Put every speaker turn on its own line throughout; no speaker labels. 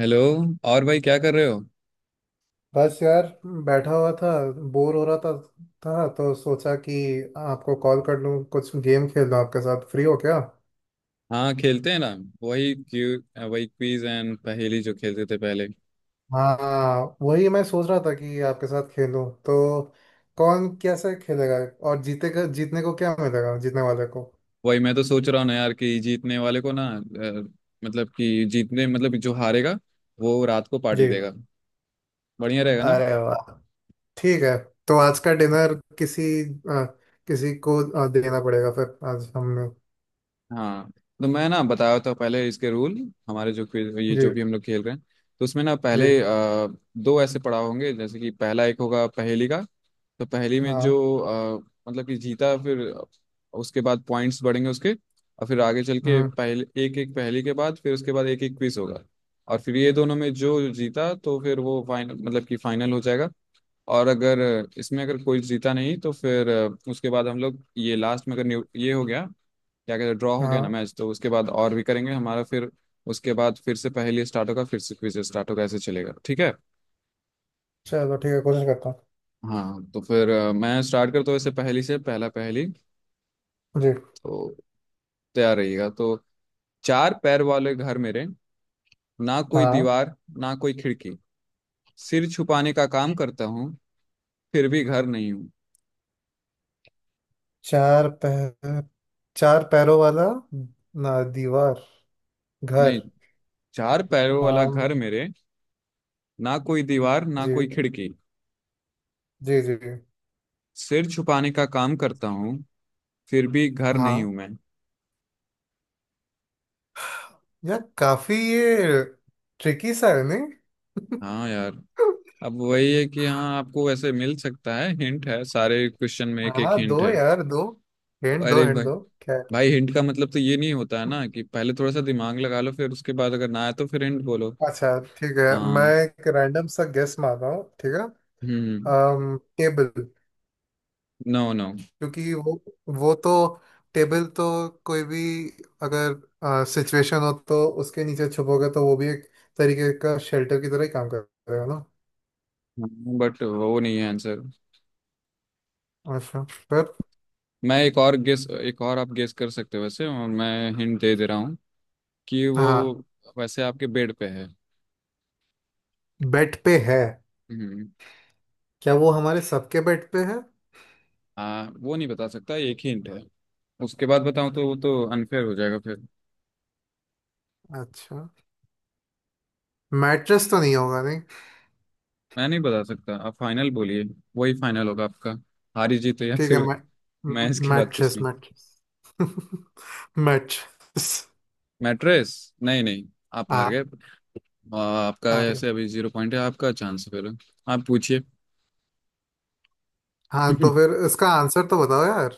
Hello. और भाई क्या कर रहे हो?
बस यार, बैठा हुआ था, बोर हो रहा था तो सोचा कि आपको कॉल कर लूँ, कुछ गेम खेल लूँ आपके साथ। फ्री हो क्या?
हाँ, खेलते हैं ना। वही क्यू वही क्विज एंड पहेली जो खेलते थे पहले।
हाँ, वही मैं सोच रहा था कि आपके साथ खेलूँ तो। कौन कैसे खेलेगा और जीतेगा? जीतने को क्या मिलेगा जीतने वाले को?
वही मैं तो सोच रहा हूँ ना यार कि जीतने वाले को ना मतलब कि जीतने मतलब जो हारेगा वो रात को पार्टी
जी।
देगा। बढ़िया रहेगा।
अरे वाह। ठीक है। तो आज का डिनर किसी किसी को देना पड़ेगा फिर आज हमने।
हाँ, तो मैं ना बताया था पहले इसके रूल। हमारे जो क्विज ये
जी।
जो भी हम लोग खेल रहे हैं तो उसमें ना
जी।
पहले दो ऐसे पड़ाव होंगे। जैसे कि पहला एक होगा पहेली का। तो पहेली में जो
हाँ।
मतलब कि जीता फिर उसके बाद पॉइंट्स बढ़ेंगे उसके, और फिर आगे चल के
हम्म।
पहले एक एक पहेली के बाद फिर उसके बाद एक एक क्विज होगा। और फिर ये दोनों में जो जीता तो फिर वो फाइनल मतलब कि फाइनल हो जाएगा। और अगर इसमें अगर कोई जीता नहीं तो फिर उसके बाद हम लोग ये लास्ट में अगर ये हो गया क्या कहते हैं, ड्रॉ हो गया ना
हाँ,
मैच, तो उसके बाद और भी करेंगे हमारा फिर। उसके बाद फिर से पहेली स्टार्ट होगा, फिर से क्विज स्टार्ट होगा, ऐसे चलेगा, ठीक है।
चलो ठीक है, कोशिश करता हूँ।
हाँ, तो फिर मैं स्टार्ट करता हूँ ऐसे पहेली से। पहला पहेली
जी।
तो, तैयार रहिएगा तो। चार पैर वाले घर मेरे, ना कोई
हाँ।
दीवार ना कोई खिड़की, सिर छुपाने का काम करता हूँ, फिर भी घर नहीं हूँ।
चार पैर चार पैरों वाला, ना दीवार,
नहीं,
घर।
चार पैरों वाला
आम।
घर मेरे, ना कोई दीवार ना
जी।
कोई खिड़की,
जी जी जी।
सिर छुपाने का काम करता हूँ, फिर भी घर नहीं
हाँ।
हूँ मैं।
यार काफी ये ट्रिकी सा है नहीं?
हाँ यार, अब वही है कि हाँ आपको वैसे मिल सकता है हिंट है, सारे क्वेश्चन में एक एक
हाँ
हिंट
दो
है।
यार, दो हिंट दो,
अरे
हिंट
भाई,
दो। क्या है?
भाई हिंट का मतलब तो ये नहीं होता है ना कि पहले थोड़ा सा दिमाग लगा लो, फिर उसके बाद अगर ना आए तो फिर हिंट बोलो।
अच्छा ठीक है, मैं
हाँ।
एक रैंडम सा गेस मार रहा हूँ ठीक है।
हम्म
टेबल।
No no.
क्योंकि वो तो, टेबल तो कोई भी अगर सिचुएशन हो तो उसके नीचे छुपोगे तो वो भी एक तरीके का शेल्टर की तरह ही काम करेगा ना।
हाँ, बट वो नहीं है आंसर।
अच्छा। पर।
मैं एक और गेस, एक और आप गेस कर सकते हो वैसे, और मैं हिंट दे दे रहा हूँ कि वो
हाँ,
वैसे आपके बेड पे है।
बेड पे है।
हम्म
क्या वो हमारे सबके बेड पे है?
हाँ, वो नहीं बता सकता, एक ही हिंट है। उसके बाद बताऊँ तो वो तो अनफेयर हो जाएगा फिर।
अच्छा। मैट्रेस तो नहीं होगा? नहीं।
मैं नहीं बता सकता, आप फाइनल बोलिए। वही फाइनल होगा आपका, हारी जीत या
ठीक है
फिर। मैं इसके बाद कुछ
मैट्रेस
नहीं।
मैट्रेस। मैट्रेस।
मैट्रेस? नहीं नहीं, आप हार
हाँ।
गए। आपका
अरे।
ऐसे अभी जीरो पॉइंट है। आपका चांस फिर, आप पूछिए।
हाँ, तो फिर इसका आंसर तो बताओ यार।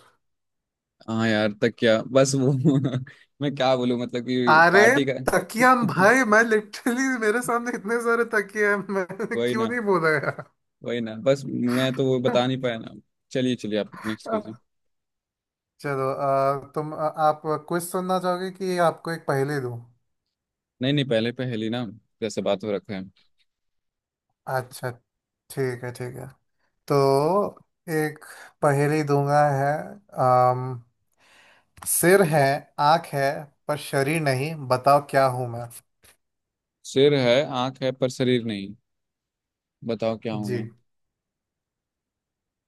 हाँ यार तक क्या, बस वो मैं क्या बोलूँ, मतलब कि
अरे
पार्टी का।
तकिया, हम भाई, मैं लिटरली मेरे सामने इतने सारे तकिए हैं मैं।
वही
क्यों
ना,
नहीं बोला यार?
वही ना, बस मैं तो वो बता नहीं पाया ना। चलिए चलिए, आप नेक्स्ट कीजिए।
चलो आप क्विज सुनना चाहोगे कि आपको एक पहेली दूं?
नहीं नहीं, पहले पहेली ना, जैसे बात हो रखा है।
अच्छा ठीक है ठीक है। तो एक पहेली दूंगा है। अम, सिर है, आंख है, पर शरीर नहीं। बताओ क्या हूं मैं?
सिर है आंख है पर शरीर नहीं, बताओ क्या
जी।
हूँ।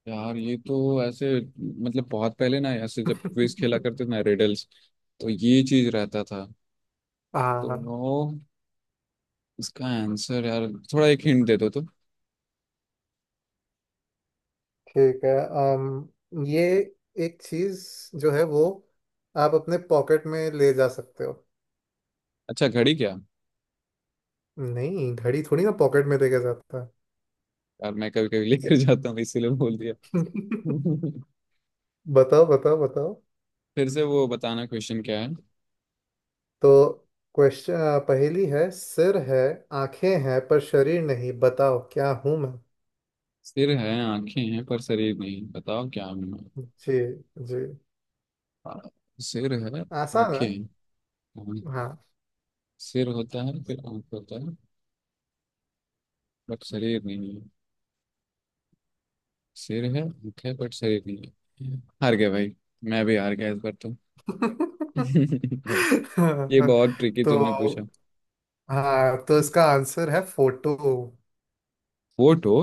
यार ये तो ऐसे मतलब बहुत पहले ना ऐसे जब क्विज खेला करते थे ना, रिडल्स। तो ये चीज रहता था।
हाँ
तो इसका आंसर यार, थोड़ा एक हिंट दे दो तो।
ठीक है। अम ये एक चीज जो है वो आप अपने पॉकेट में ले जा सकते हो।
अच्छा घड़ी क्या?
नहीं, घड़ी थोड़ी ना पॉकेट में लेके जाता है।
यार मैं कभी कभी लेकर जाता हूँ इसीलिए बोल दिया।
बताओ बताओ बताओ।
फिर से वो बताना, क्वेश्चन क्या है।
तो क्वेश्चन पहेली है, सिर है, आंखें हैं, पर शरीर नहीं। बताओ क्या हूं मैं?
सिर है आंखें हैं पर शरीर नहीं, बताओ क्या हूं मैं?
जी। जी।
आ, सिर है,
आसान है।
आंखें हैं। हाँ,
हाँ।
सिर होता है, फिर आंख होता है, बट शरीर नहीं। सिर है, भूख है, बट शरीर नहीं है। हार गया भाई, मैं भी हार गया इस बार तो। ये बहुत ट्रिकी
तो
तुमने पूछा।
हाँ, तो इसका आंसर है फोटो।
वोट हो?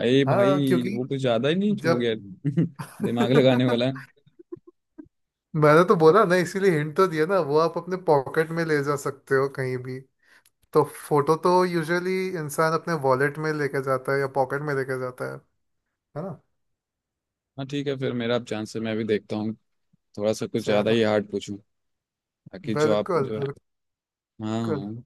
अरे
हाँ
भाई
क्योंकि
वो कुछ ज्यादा ही नहीं हो
जब
गया? दिमाग लगाने वाला है।
मैंने तो बोला ना, इसीलिए हिंट तो दिया ना वो आप अपने पॉकेट में ले जा सकते हो कहीं भी। तो फोटो तो यूजुअली इंसान अपने वॉलेट में लेके जाता है या पॉकेट में लेके जाता है ना?
हाँ ठीक है, फिर मेरा अब चांस है, मैं भी देखता हूँ। थोड़ा सा कुछ ज्यादा
चलो।
ही हार्ड पूछूं, ताकि जो आप
बिल्कुल।
जो है। हाँ
बिल्कुल।
हाँ।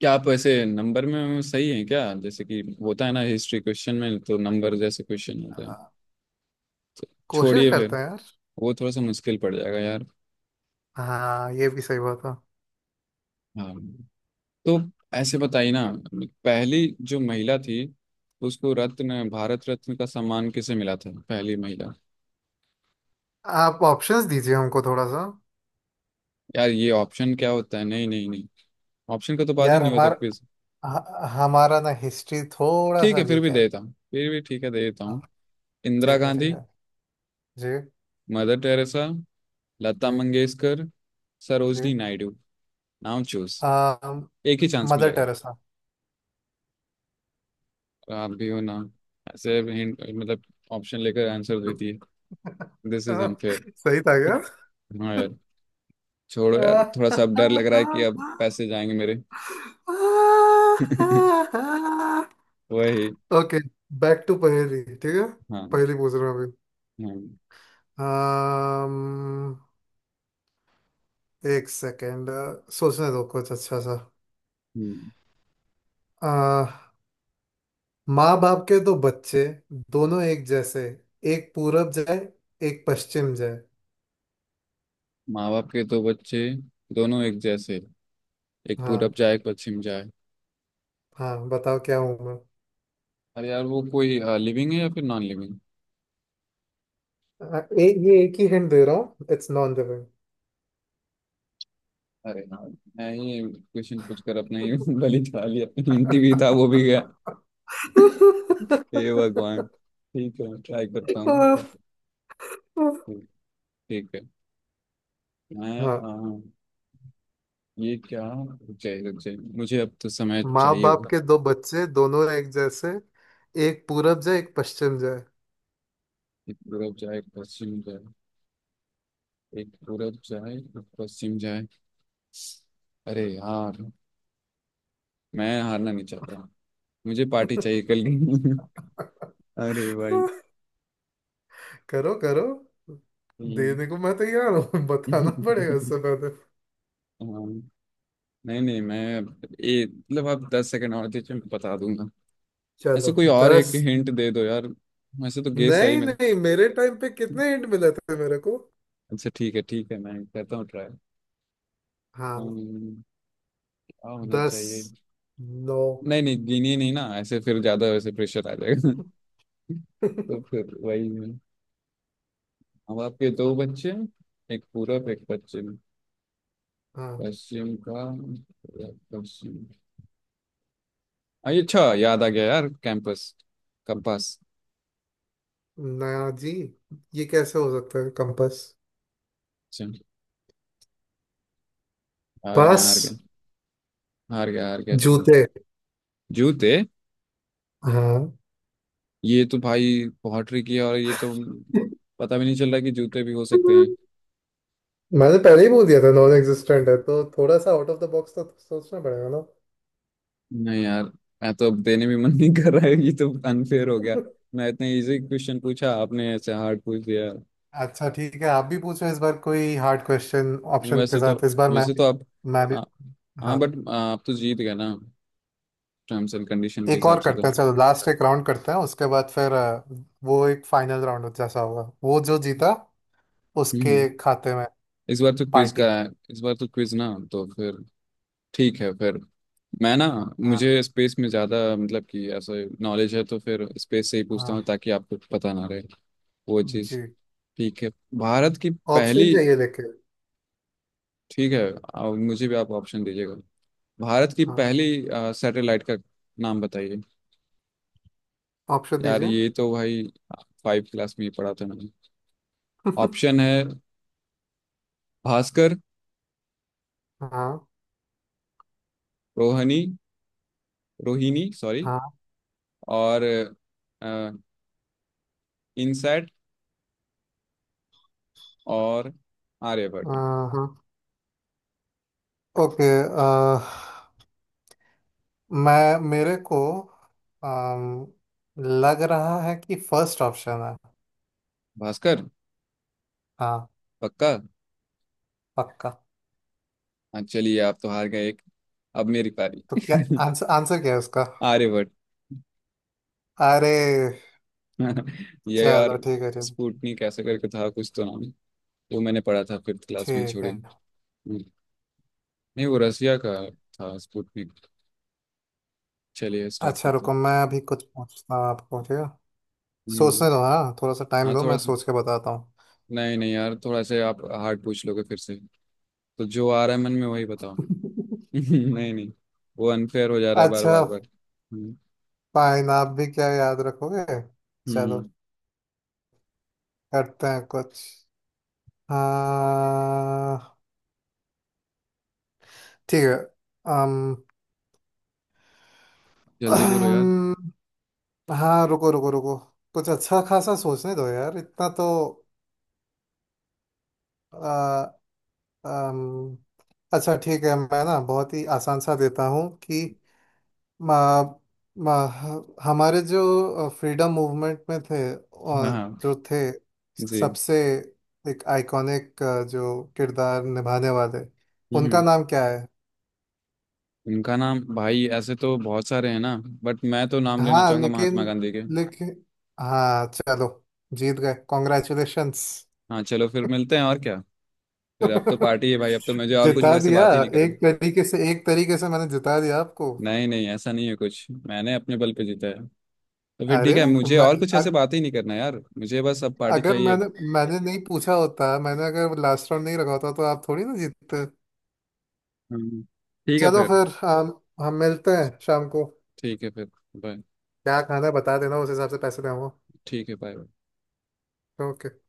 क्या आप ऐसे नंबर में सही हैं क्या? जैसे कि होता है ना हिस्ट्री क्वेश्चन में, तो नंबर जैसे क्वेश्चन होता है।
हाँ, कोशिश
छोड़िए
करते
फिर,
हैं यार।
वो थोड़ा सा मुश्किल पड़ जाएगा यार।
हाँ, ये भी सही बात है।
हाँ, तो ऐसे बताइए ना। पहली जो महिला थी उसको रत्न, भारत रत्न का सम्मान किसे मिला था, पहली महिला?
आप ऑप्शंस दीजिए हमको थोड़ा सा।
यार ये ऑप्शन क्या होता है, नहीं नहीं नहीं, ऑप्शन का तो बात ही
यार
नहीं होता क्विज।
हमारा ना हिस्ट्री थोड़ा
ठीक
सा
है फिर
वीक
भी
है।
देता हूँ, फिर भी ठीक है दे देता
हाँ।
हूँ। इंदिरा
ठीक है ठीक
गांधी,
है। Ji.
Mother Teresa, Lata
ji
Mangeshkar,
ji.
Sarojini Naidu. Now choose,
आ,
एक ही चांस
मदर
मिलेगा।
टेरेसा।
आप भी हो ना, ऐसे मतलब ऑप्शन लेकर आंसर देती है। This is unfair.
सही था।
हाँ यार, छोड़ो यार, थोड़ा सा अब डर लग रहा है कि अब पैसे जाएंगे मेरे। वही।
ओके, बैक टू पहेली ठीक है।
हाँ हाँ
पहेली पूछ रहा हूँ अभी। um, एक सेकेंड सोचने दो कुछ अच्छा सा।
हम्म।
माँ बाप के दो बच्चे, दोनों एक जैसे, एक पूरब जाए, एक पश्चिम जाए।
माँ बाप के दो बच्चे, दोनों एक जैसे, एक
हाँ।
पूरब जाए एक पश्चिम जाए।
हाँ, बताओ क्या हूँ मैं?
अरे यार, वो कोई लिविंग है या फिर नॉन लिविंग?
ये एक ही हिंट दे रहा हूँ, इट्स नॉन लिविंग।
अरे यार, मैं ये क्वेश्चन पूछ कर अपना ही बलि चढ़ा लिया। अपनी हिंदी भी था वो भी गया। हे भगवान, ठीक है ट्राई करता हूँ, ठीक। ठीक है। मैं
हाँ,
हाँ हाँ, ये क्या, रुक जाइए रुक जाइए, मुझे अब तो समय
माँ
चाहिए
बाप
होगा।
के दो बच्चे, दोनों एक जैसे, एक पूरब जाए, एक पश्चिम जाए।
एक पूरब जाए एक पश्चिम जाए, एक पूरब जाए एक पश्चिम जाए। अरे यार, मैं हारना नहीं चाहता, मुझे पार्टी चाहिए कल की। अरे भाई।
करो करो।
हम्म।
देने को मैं तैयार हूँ। बताना पड़ेगा उससे पहले।
हाँ, नहीं नहीं, मैं ये मतलब, आप 10 सेकंड और दीजिए मैं बता दूंगा। ऐसे
चलो।
कोई और
दस।
एक हिंट दे दो यार, वैसे तो गेस है ही
नहीं
मेरा।
नहीं, मेरे टाइम पे कितने हिंट मिले थे मेरे को?
अच्छा ठीक है, ठीक है मैं करता हूँ ट्राई। क्या
हाँ।
होना
दस।
चाहिए?
नौ।
नहीं नहीं, गिनी नहीं ना ऐसे, फिर ज्यादा वैसे प्रेशर आ जाएगा। तो फिर वही है। हम आपके दो बच्चे हैं, एक पूरब एक पश्चिम।
हाँ।
पश्चिम का पश्चिम। अरे अच्छा याद आ गया यार, कैंपस, कंपास।
ना। जी। ये कैसे हो सकता है कंपास?
अच्छा, हार, मैं
पास।
हार गया। हार गया हार गया, छोड़ो।
जूते।
जूते?
हाँ।
ये तो भाई पॉटरी की है, और ये तो पता भी नहीं चल रहा कि जूते भी हो सकते हैं।
मैंने पहले ही बोल दिया था, नॉन एग्जिस्टेंट है तो थोड़ा सा आउट ऑफ द बॉक्स तो सोचना पड़ेगा ना।
नहीं यार, मैं तो अब देने भी मन नहीं कर रहा है, ये तो अनफेयर हो गया। मैं इतना इजी क्वेश्चन पूछा, आपने ऐसे हार्ड पूछ दिया।
अच्छा ठीक है, आप भी पूछो इस बार कोई हार्ड क्वेश्चन
नहीं,
ऑप्शन के
वैसे तो,
साथ। इस बार
वैसे तो आप।
मैं भी।
हाँ हाँ,
हाँ।
बट आप तो जीत गए ना, टर्म्स एंड कंडीशन के
एक
हिसाब
और
से तो।
करते हैं, चलो लास्ट एक राउंड करते हैं उसके बाद फिर वो एक फाइनल राउंड जैसा होगा, वो जो जीता
हम्म
उसके
हम्म।
खाते में
इस बार तो क्विज का
पार्टी।
है, इस बार तो क्विज ना, तो फिर ठीक है फिर। मैं ना,
हाँ।
मुझे स्पेस में ज़्यादा मतलब कि ऐसा नॉलेज है, तो फिर स्पेस से ही पूछता
हाँ।
हूँ, ताकि आपको पता ना रहे वो चीज़।
जी।
ठीक है। भारत की
ऑप्शन
पहली।
चाहिए लेके।
ठीक है। मुझे भी आप ऑप्शन दीजिएगा। भारत की
हाँ,
पहली सैटेलाइट का नाम बताइए।
ऑप्शन
यार
दीजिए।
ये तो भाई फाइव क्लास में ही पढ़ा था मैंने। ऑप्शन है भास्कर,
हाँ।
रोहनी, रोहिणी सॉरी,
हाँ
और इनसेट, और आर्यभट्ट।
हाँ। ओके। मैं मेरे को अम, लग रहा है कि फर्स्ट ऑप्शन है।
भास्कर?
हाँ।
पक्का?
पक्का।
हाँ चलिए, आप तो हार गए एक, अब मेरी पारी।
तो क्या, आंसर आंसर क्या है उसका?
आर्यभट्ट।
अरे।
ये
चलो
और
ठीक है चलो।
स्पुतनिक ऐसे करके था कुछ तो नाम, वो मैंने पढ़ा था फिफ्थ क्लास में,
ठीक
छोड़ी।
है।
हम्म, नहीं वो रसिया का था स्पुतनिक। चलिए स्टार्ट
अच्छा
करते हैं।
रुको, मैं अभी कुछ पूछता हूँ आपको ठीक है।
हम्म,
सोचने दो हाँ, थोड़ा सा टाइम
हाँ
दो, मैं
थोड़ा सा।
सोच के बताता हूँ।
नहीं नहीं यार, थोड़ा से आप हार्ड पूछ लोगे फिर से, तो जो आ रहा है मन में वही बताओ। नहीं नहीं, वो अनफेयर हो जा रहा है, बार
अच्छा।
बार बार। हम्म,
फाइन, आप भी क्या याद रखोगे। चलो,
हम्म,
करते हैं कुछ। हाँ ठीक है। अम
जल्दी बोलो यार।
हाँ रुको रुको रुको, कुछ अच्छा खासा सोचने दो यार, इतना तो। आ, अम, अच्छा ठीक है, मैं ना बहुत ही आसान सा देता हूँ कि मा, मा, हमारे जो फ्रीडम मूवमेंट में थे और
हाँ।
जो थे,
जी।
सबसे एक आइकॉनिक जो किरदार निभाने वाले, उनका
हम्म।
नाम क्या है?
इनका नाम भाई ऐसे तो बहुत सारे हैं ना, बट मैं तो नाम लेना
हाँ
चाहूंगा महात्मा
लेकिन।
गांधी के।
लेकिन हाँ चलो, जीत गए कॉन्ग्रेचुलेशंस।
हाँ चलो, फिर मिलते हैं, और क्या। फिर अब तो पार्टी है भाई, अब तो मुझे और कुछ
जिता
वैसे
दिया।
बात ही नहीं करना।
एक तरीके से मैंने जिता दिया आपको।
नहीं नहीं, ऐसा नहीं है कुछ, मैंने अपने बल पे जीता है। तो फिर ठीक
अरे
है, मुझे
मैं,
और कुछ
अ-
ऐसे बात ही नहीं करना यार, मुझे बस अब पार्टी
अगर
चाहिए।
मैंने मैंने नहीं पूछा होता, मैंने अगर लास्ट राउंड नहीं रखा होता तो आप थोड़ी ना जीतते।
हम्म। ठीक है
चलो
फिर।
फिर हम मिलते हैं शाम को।
ठीक है फिर, बाय।
क्या खाना है बता देना, उस हिसाब से पैसे दूंगा।
ठीक है, बाय।
ओके।